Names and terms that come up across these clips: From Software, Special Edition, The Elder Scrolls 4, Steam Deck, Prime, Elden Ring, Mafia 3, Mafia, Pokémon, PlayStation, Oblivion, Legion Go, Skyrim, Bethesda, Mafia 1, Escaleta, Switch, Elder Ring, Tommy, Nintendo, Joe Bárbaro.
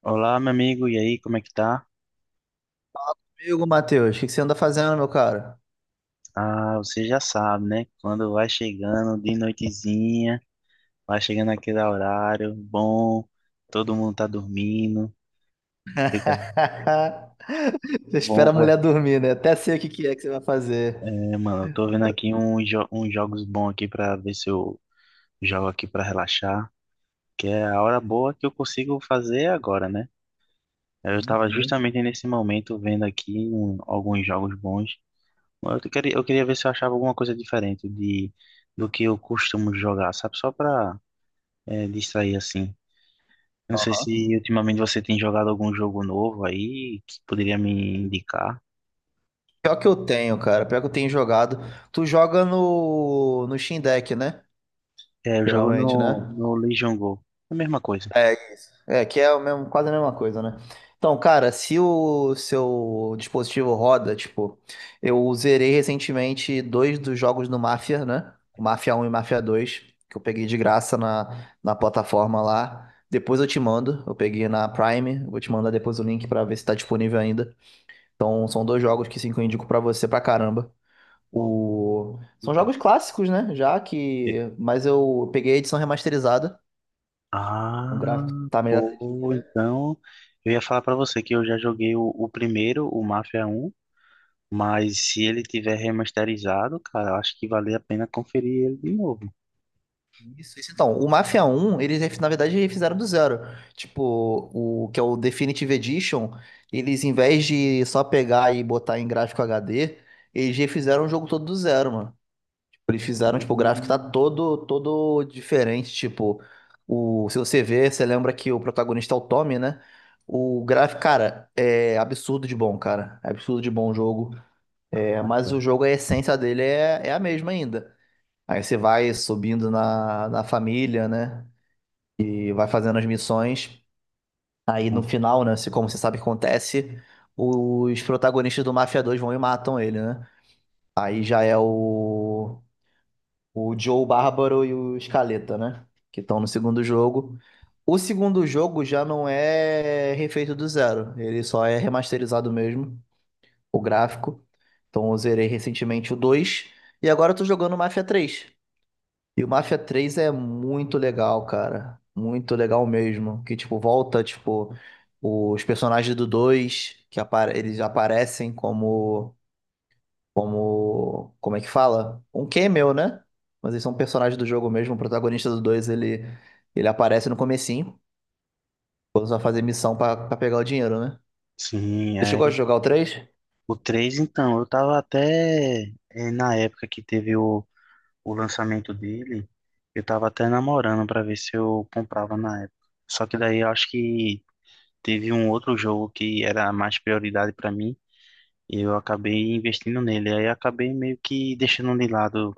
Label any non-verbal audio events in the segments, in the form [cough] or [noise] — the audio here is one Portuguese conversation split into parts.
Olá, meu amigo, e aí, como é que tá? Amigo Matheus, o que que você anda fazendo, meu cara? Ah, você já sabe, né? Quando vai chegando de noitezinha, vai chegando aquele horário bom, todo mundo tá dormindo, fica [laughs] Você bom, espera a vai. mulher dormir, né? Até sei o que que é que você vai fazer. É, mano, eu tô vendo aqui uns jogos bons aqui pra ver se eu jogo aqui pra relaxar, que é a hora boa que eu consigo fazer agora, né? Eu Sim, tava justamente sim. nesse momento vendo aqui alguns jogos bons. Eu queria ver se eu achava alguma coisa diferente do que eu costumo jogar, sabe? Só pra distrair assim. Não sei se ultimamente você tem jogado algum jogo novo aí que poderia me indicar. Pior que eu tenho, cara. Pior que eu tenho jogado. Tu joga no Steam Deck, né? É, eu jogo Geralmente, né? no Legion Go. É a mesma coisa. É isso. É, que é o mesmo, quase a mesma coisa, né? Então, cara, se o seu dispositivo roda, tipo, eu zerei recentemente dois dos jogos do Mafia, né? O Mafia 1 e o Mafia 2, que eu peguei de graça na plataforma lá. Depois eu te mando, eu peguei na Prime, eu vou te mandar depois o link pra ver se tá disponível ainda. Então, são dois jogos que sim, que eu indico pra você pra caramba. Bom, São então. jogos clássicos, né? Já E- que. Mas eu peguei a edição remasterizada. O Ah, gráfico tá melhor. pô, então eu ia falar pra você que eu já joguei o primeiro, o Mafia 1, mas se ele tiver remasterizado, cara, eu acho que vale a pena conferir ele de novo. Isso, isso. Então, o Mafia 1, eles, na verdade, refizeram do zero. Tipo, o que é o Definitive Edition, eles, em vez de só pegar e botar em gráfico HD, eles refizeram o jogo todo do zero, mano. Tipo, eles fizeram, tipo, o gráfico tá Hum. todo, todo diferente. Tipo, se você vê, você lembra que o protagonista é o Tommy, né? O gráfico, cara, é absurdo de bom, cara. É absurdo de bom o jogo. É, Ah, tá. mas o jogo, a essência dele é a mesma ainda. Aí você vai subindo na família, né? E vai fazendo as missões. Aí no Não. final, né? Como você sabe que acontece, os protagonistas do Mafia 2 vão e matam ele, né? Aí já é o Joe Bárbaro e o Escaleta, né? Que estão no segundo jogo. O segundo jogo já não é refeito do zero, ele só é remasterizado mesmo, o gráfico. Então eu zerei recentemente o 2 e agora eu tô jogando o Mafia 3 e o Mafia 3 é muito legal, cara. Muito legal mesmo. Que, tipo, volta, tipo, os personagens do 2 que apare eles aparecem como, como é que fala? Um cameo, né? Mas eles são personagens do jogo mesmo. O protagonista do 2 ele aparece no comecinho, quando você vai fazer missão pra pegar o dinheiro, né? Sim, Você é. chegou a jogar o três? O 3 então, eu tava até, na época que teve o lançamento dele, eu tava até namorando pra ver se eu comprava na época. Só que daí eu acho que teve um outro jogo que era mais prioridade pra mim e eu acabei investindo nele. Aí eu acabei meio que deixando de lado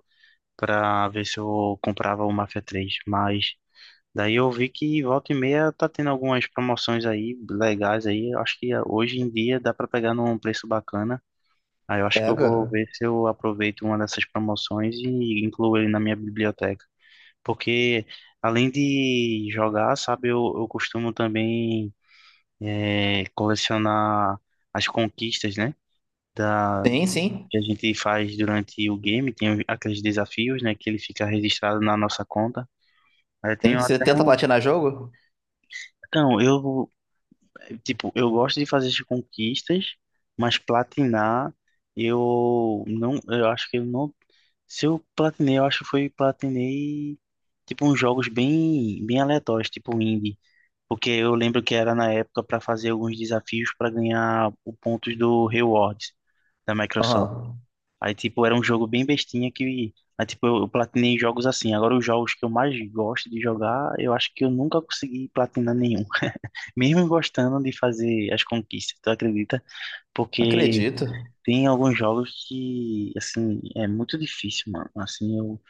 pra ver se eu comprava o Mafia 3. Mas daí eu vi que volta e meia tá tendo algumas promoções aí legais aí. Eu acho que hoje em dia dá pra pegar num preço bacana. Ah, eu acho que eu vou Pega. ver se eu aproveito uma dessas promoções e incluo ele na minha biblioteca. Porque além de jogar, sabe, eu costumo também colecionar as conquistas, né? Da, Sim, sim. que a gente faz durante o game, tem aqueles desafios, né? Que ele fica registrado na nossa conta. Aí eu Sim. tenho Você até tenta um. platinar jogo? Então, eu tipo, eu gosto de fazer as conquistas, mas platinar, eu não, eu acho que eu não, se eu platinei, eu acho que foi platinei tipo uns jogos bem, bem aleatórios, tipo indie, porque eu lembro que era na época para fazer alguns desafios para ganhar o pontos do rewards da Microsoft. Aham. Aí tipo era um jogo bem bestinha que, aí tipo eu platinei jogos assim. Agora os jogos que eu mais gosto de jogar, eu acho que eu nunca consegui platinar nenhum mesmo gostando de fazer as conquistas, tu acredita? Porque Acredito. tem alguns jogos que, assim, é muito difícil, mano. Assim,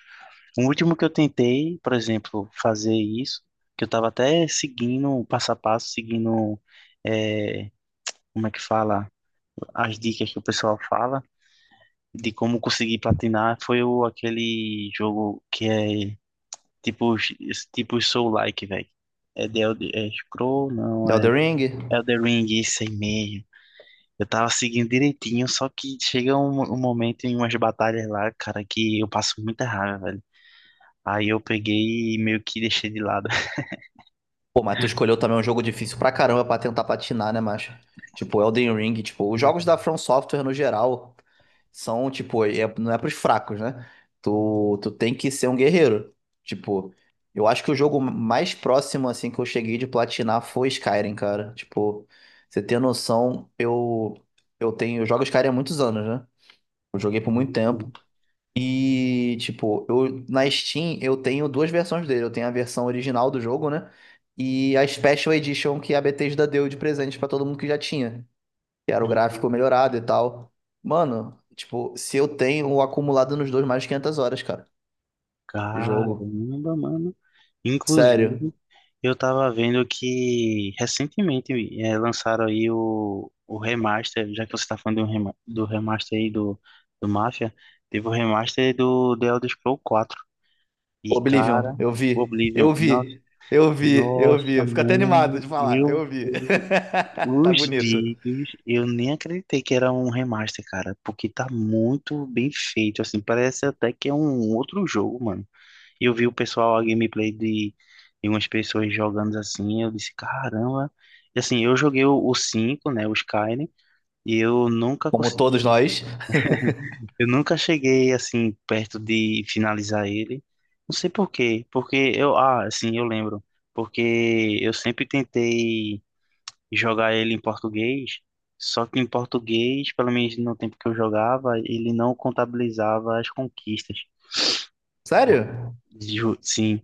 o último que eu tentei, por exemplo, fazer isso, que eu tava até seguindo o passo a passo, seguindo, é, como é que fala, as dicas que o pessoal fala de como conseguir platinar, foi aquele jogo que é tipo, esse tipo Soul-like, velho. É The Elder, é Scroll, não, é Elden Ring? Elder Ring, isso aí mesmo. Eu tava seguindo direitinho, só que chega um momento em umas batalhas lá, cara, que eu passo muita raiva, velho. Aí eu peguei e meio que deixei de lado. Pô, mas tu escolheu também um jogo difícil pra caramba pra tentar platinar, né, macho? Tipo, Elden Ring, tipo, os jogos da [laughs] From Software no geral são, tipo, não é pros fracos, né? Tu tem que ser um guerreiro. Tipo, eu acho que o jogo mais próximo, assim, que eu cheguei de platinar foi Skyrim, cara. Tipo, você tem noção, eu tenho, eu jogo Skyrim há muitos anos, né? Eu joguei por muito tempo. Uhum, E, tipo, na Steam eu tenho duas versões dele. Eu tenho a versão original do jogo, né? E a Special Edition que a Bethesda deu de presente pra todo mundo que já tinha. Que era o gráfico uhum. melhorado e tal. Mano, tipo, se eu tenho acumulado nos dois mais de 500 horas, cara, de jogo. Caramba, mano. Sério. Inclusive, eu tava vendo que recentemente lançaram aí o remaster, já que você tá falando do remaster aí do Mafia, teve o remaster do The Elder Scrolls 4. E, Oblivion, cara, eu o vi. Oblivion. Eu vi. Eu vi, eu vi. Nossa, Eu fico até animado mano, de falar. eu Eu vi. vi [laughs] Tá os bonito. vídeos, eu nem acreditei que era um remaster, cara, porque tá muito bem feito, assim, parece até que é um outro jogo, mano. E eu vi o pessoal, a gameplay de umas pessoas jogando assim, eu disse, caramba. E assim, eu joguei 5 né, o Skyrim, e eu nunca Como todos consegui. nós. Eu nunca cheguei assim perto de finalizar ele. Não sei por quê, porque ah, assim, eu lembro, porque eu sempre tentei jogar ele em português, só que em português, pelo menos no tempo que eu jogava, ele não contabilizava as conquistas. Sério? Sim,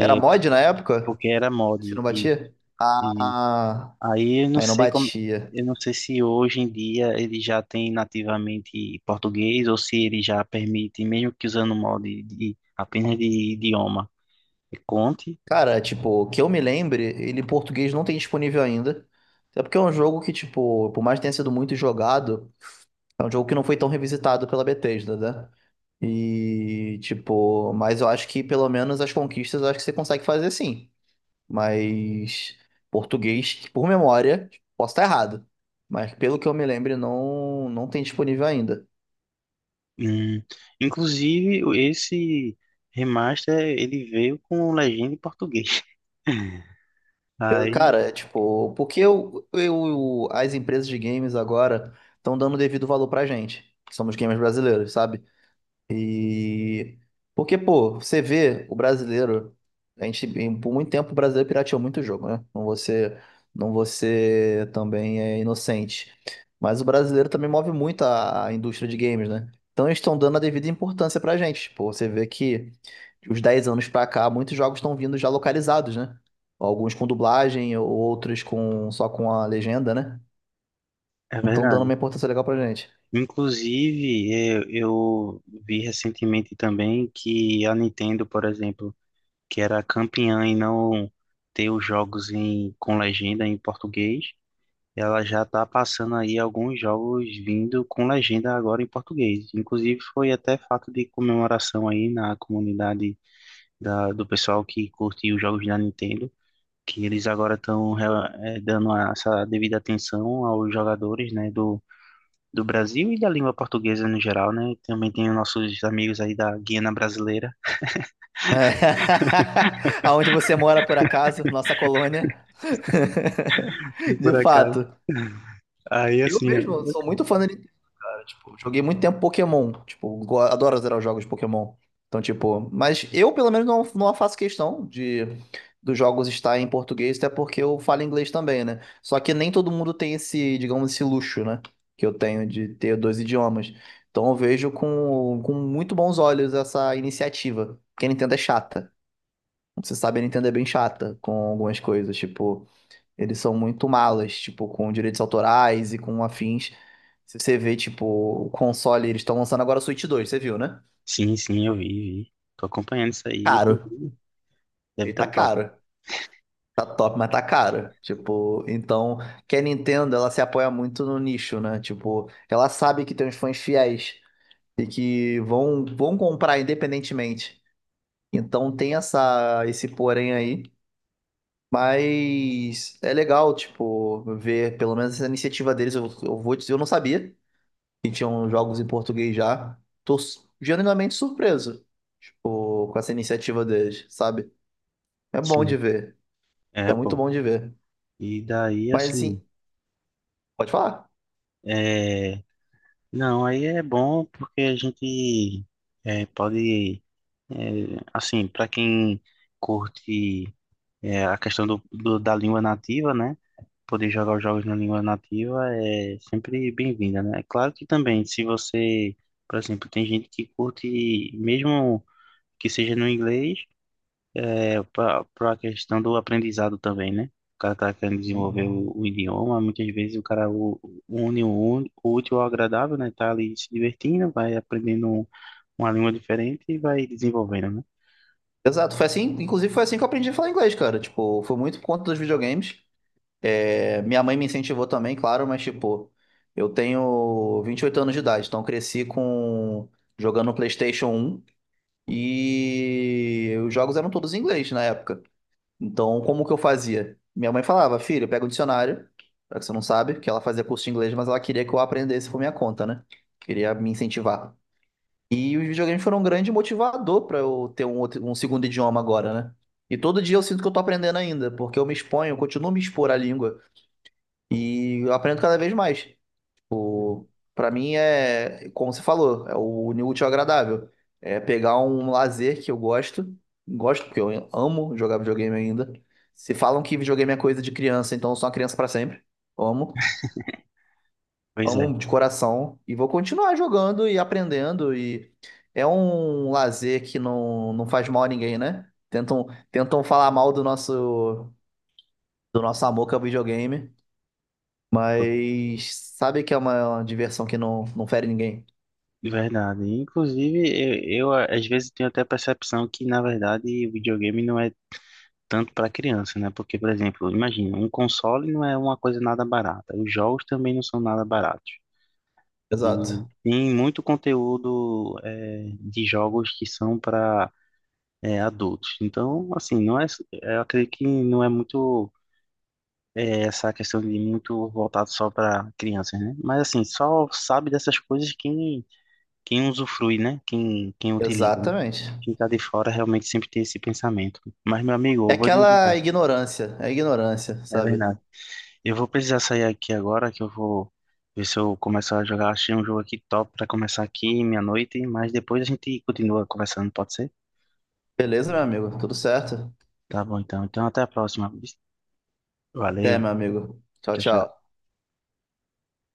Era mod na época? porque era mod Você não e, batia? Ah, aí eu não aí não sei como, batia. eu não sei se hoje em dia ele já tem nativamente português ou se ele já permite, mesmo que usando o modo apenas de idioma, que conte. Cara, tipo, que eu me lembre, ele em português não tem disponível ainda. Até porque é um jogo que, tipo, por mais que tenha sido muito jogado, é um jogo que não foi tão revisitado pela Bethesda, né? E, tipo, mas eu acho que pelo menos as conquistas eu acho que você consegue fazer sim. Mas português, por memória, posso estar errado. Mas pelo que eu me lembro, não, não tem disponível ainda. Hum, Inclusive esse remaster ele veio com legenda em português. [laughs] Eu- Aí cara, é tipo, porque as empresas de games agora estão dando devido valor pra gente, que somos gamers brasileiros, sabe? E porque, pô, você vê o brasileiro, a gente por muito tempo o brasileiro pirateou muito jogo, né? Não você, não você também é inocente. Mas o brasileiro também move muito a indústria de games, né? Então eles estão dando a devida importância pra gente. Pô, você vê que de uns 10 anos pra cá, muitos jogos estão vindo já localizados, né? Alguns com dublagem, outros com só com a legenda, né? é Então dando verdade. uma importância legal pra gente. Inclusive eu vi recentemente também que a Nintendo, por exemplo, que era campeã em não ter os jogos com legenda em português. Ela já está passando aí alguns jogos vindo com legenda agora em português. Inclusive foi até fato de comemoração aí na comunidade do pessoal que curte os jogos da Nintendo, que eles agora estão dando essa devida atenção aos jogadores, né, do Brasil e da língua portuguesa no geral, né? Também tem os nossos amigos aí da Guiana Brasileira. [laughs] Aonde você mora, por acaso, nossa colônia. E [laughs] por De acaso. fato. Aí Eu assim, mesmo sou muito fã da Nintendo, cara. Tipo, joguei muito tempo Pokémon. Tipo, adoro zerar os jogos de Pokémon. Então, tipo, mas eu pelo menos não faço questão de dos jogos estar em português, até porque eu falo inglês também, né? Só que nem todo mundo tem esse, digamos, esse luxo, né? Que eu tenho de ter dois idiomas. Então eu vejo com muito bons olhos essa iniciativa. Porque a Nintendo é chata. Você sabe, a Nintendo é bem chata com algumas coisas, tipo, eles são muito malas, tipo, com direitos autorais e com afins. Se você vê, tipo, o console, eles estão lançando agora o Switch 2, você viu, né? sim, sim, eu vi, vi. Tô acompanhando isso aí, Caro. inclusive. Deve Ele estar tá top. caro. Tá top, mas tá caro. Tipo, então, que a Nintendo, ela se apoia muito no nicho, né? Tipo, ela sabe que tem uns fãs fiéis e que vão comprar independentemente. Então tem essa, esse porém aí. Mas é legal, tipo, ver pelo menos essa iniciativa deles. Eu vou dizer, eu não sabia que tinham jogos em português já. Tô genuinamente surpreso, tipo, com essa iniciativa deles, sabe? É bom de Sim, ver. É é, muito pô. bom de ver. E daí, Mas, assim, pode falar. é... não, aí é bom porque a gente pode, é, assim, para quem curte a questão da língua nativa, né? Poder jogar os jogos na língua nativa é sempre bem-vinda, né? É claro que também, se você, por exemplo, tem gente que curte, mesmo que seja no inglês, é, para a questão do aprendizado também, né? O cara tá querendo desenvolver Sim. o idioma, muitas vezes o cara une o útil ao agradável, né? Tá ali se divertindo, vai aprendendo uma língua diferente e vai desenvolvendo, né? Exato, foi assim, inclusive foi assim que eu aprendi a falar inglês, cara. Tipo, foi muito por conta dos videogames. É, minha mãe me incentivou também, claro, mas tipo, eu tenho 28 anos de idade, então eu cresci com jogando PlayStation 1. E os jogos eram todos em inglês na época. Então, como que eu fazia? Minha mãe falava, filho, pega o dicionário, já que você não sabe, que ela fazia curso de inglês, mas ela queria que eu aprendesse por minha conta, né? Queria me incentivar. E os videogames foram um grande motivador para eu ter um segundo idioma agora, né? E todo dia eu sinto que eu tô aprendendo ainda, porque eu me exponho, eu continuo me expor à língua e eu aprendo cada vez mais. Pra mim é, como você falou, é o unir o útil ao agradável. É pegar um lazer que eu gosto, gosto porque eu amo jogar videogame ainda. Se falam que videogame é coisa de criança, então eu sou uma criança pra sempre. Amo, Pois é, amo de coração e vou continuar jogando e aprendendo e é um lazer que não faz mal a ninguém, né? Tentam, tentam falar mal do nosso amor que é o videogame, mas sabe que é uma diversão que não fere ninguém. de verdade. Inclusive, eu às vezes tenho até a percepção que, na verdade, o videogame não é tanto para criança, né? Porque, por exemplo, imagina, um console não é uma coisa nada barata, os jogos também não são nada baratos. E Exato. tem muito conteúdo de jogos que são para adultos. Então, assim, não é, eu acredito que não é muito essa questão de muito voltado só para crianças, né? Mas assim, só sabe dessas coisas quem usufrui, né? Quem utiliza, né? Exatamente. Quem tá de fora realmente sempre tem esse pensamento. Mas meu amigo, É eu vou lhe aquela dizer, ignorância, é ignorância, é sabe? verdade. Eu vou precisar sair aqui agora, que eu vou ver se eu começo a jogar. Achei um jogo aqui top pra começar aqui meia-noite, mas depois a gente continua conversando, pode ser? Beleza, meu amigo? Tudo certo? Tá bom, então. Então até a próxima. Até, Valeu. meu amigo. Tchau, Tchau, tchau. tchau.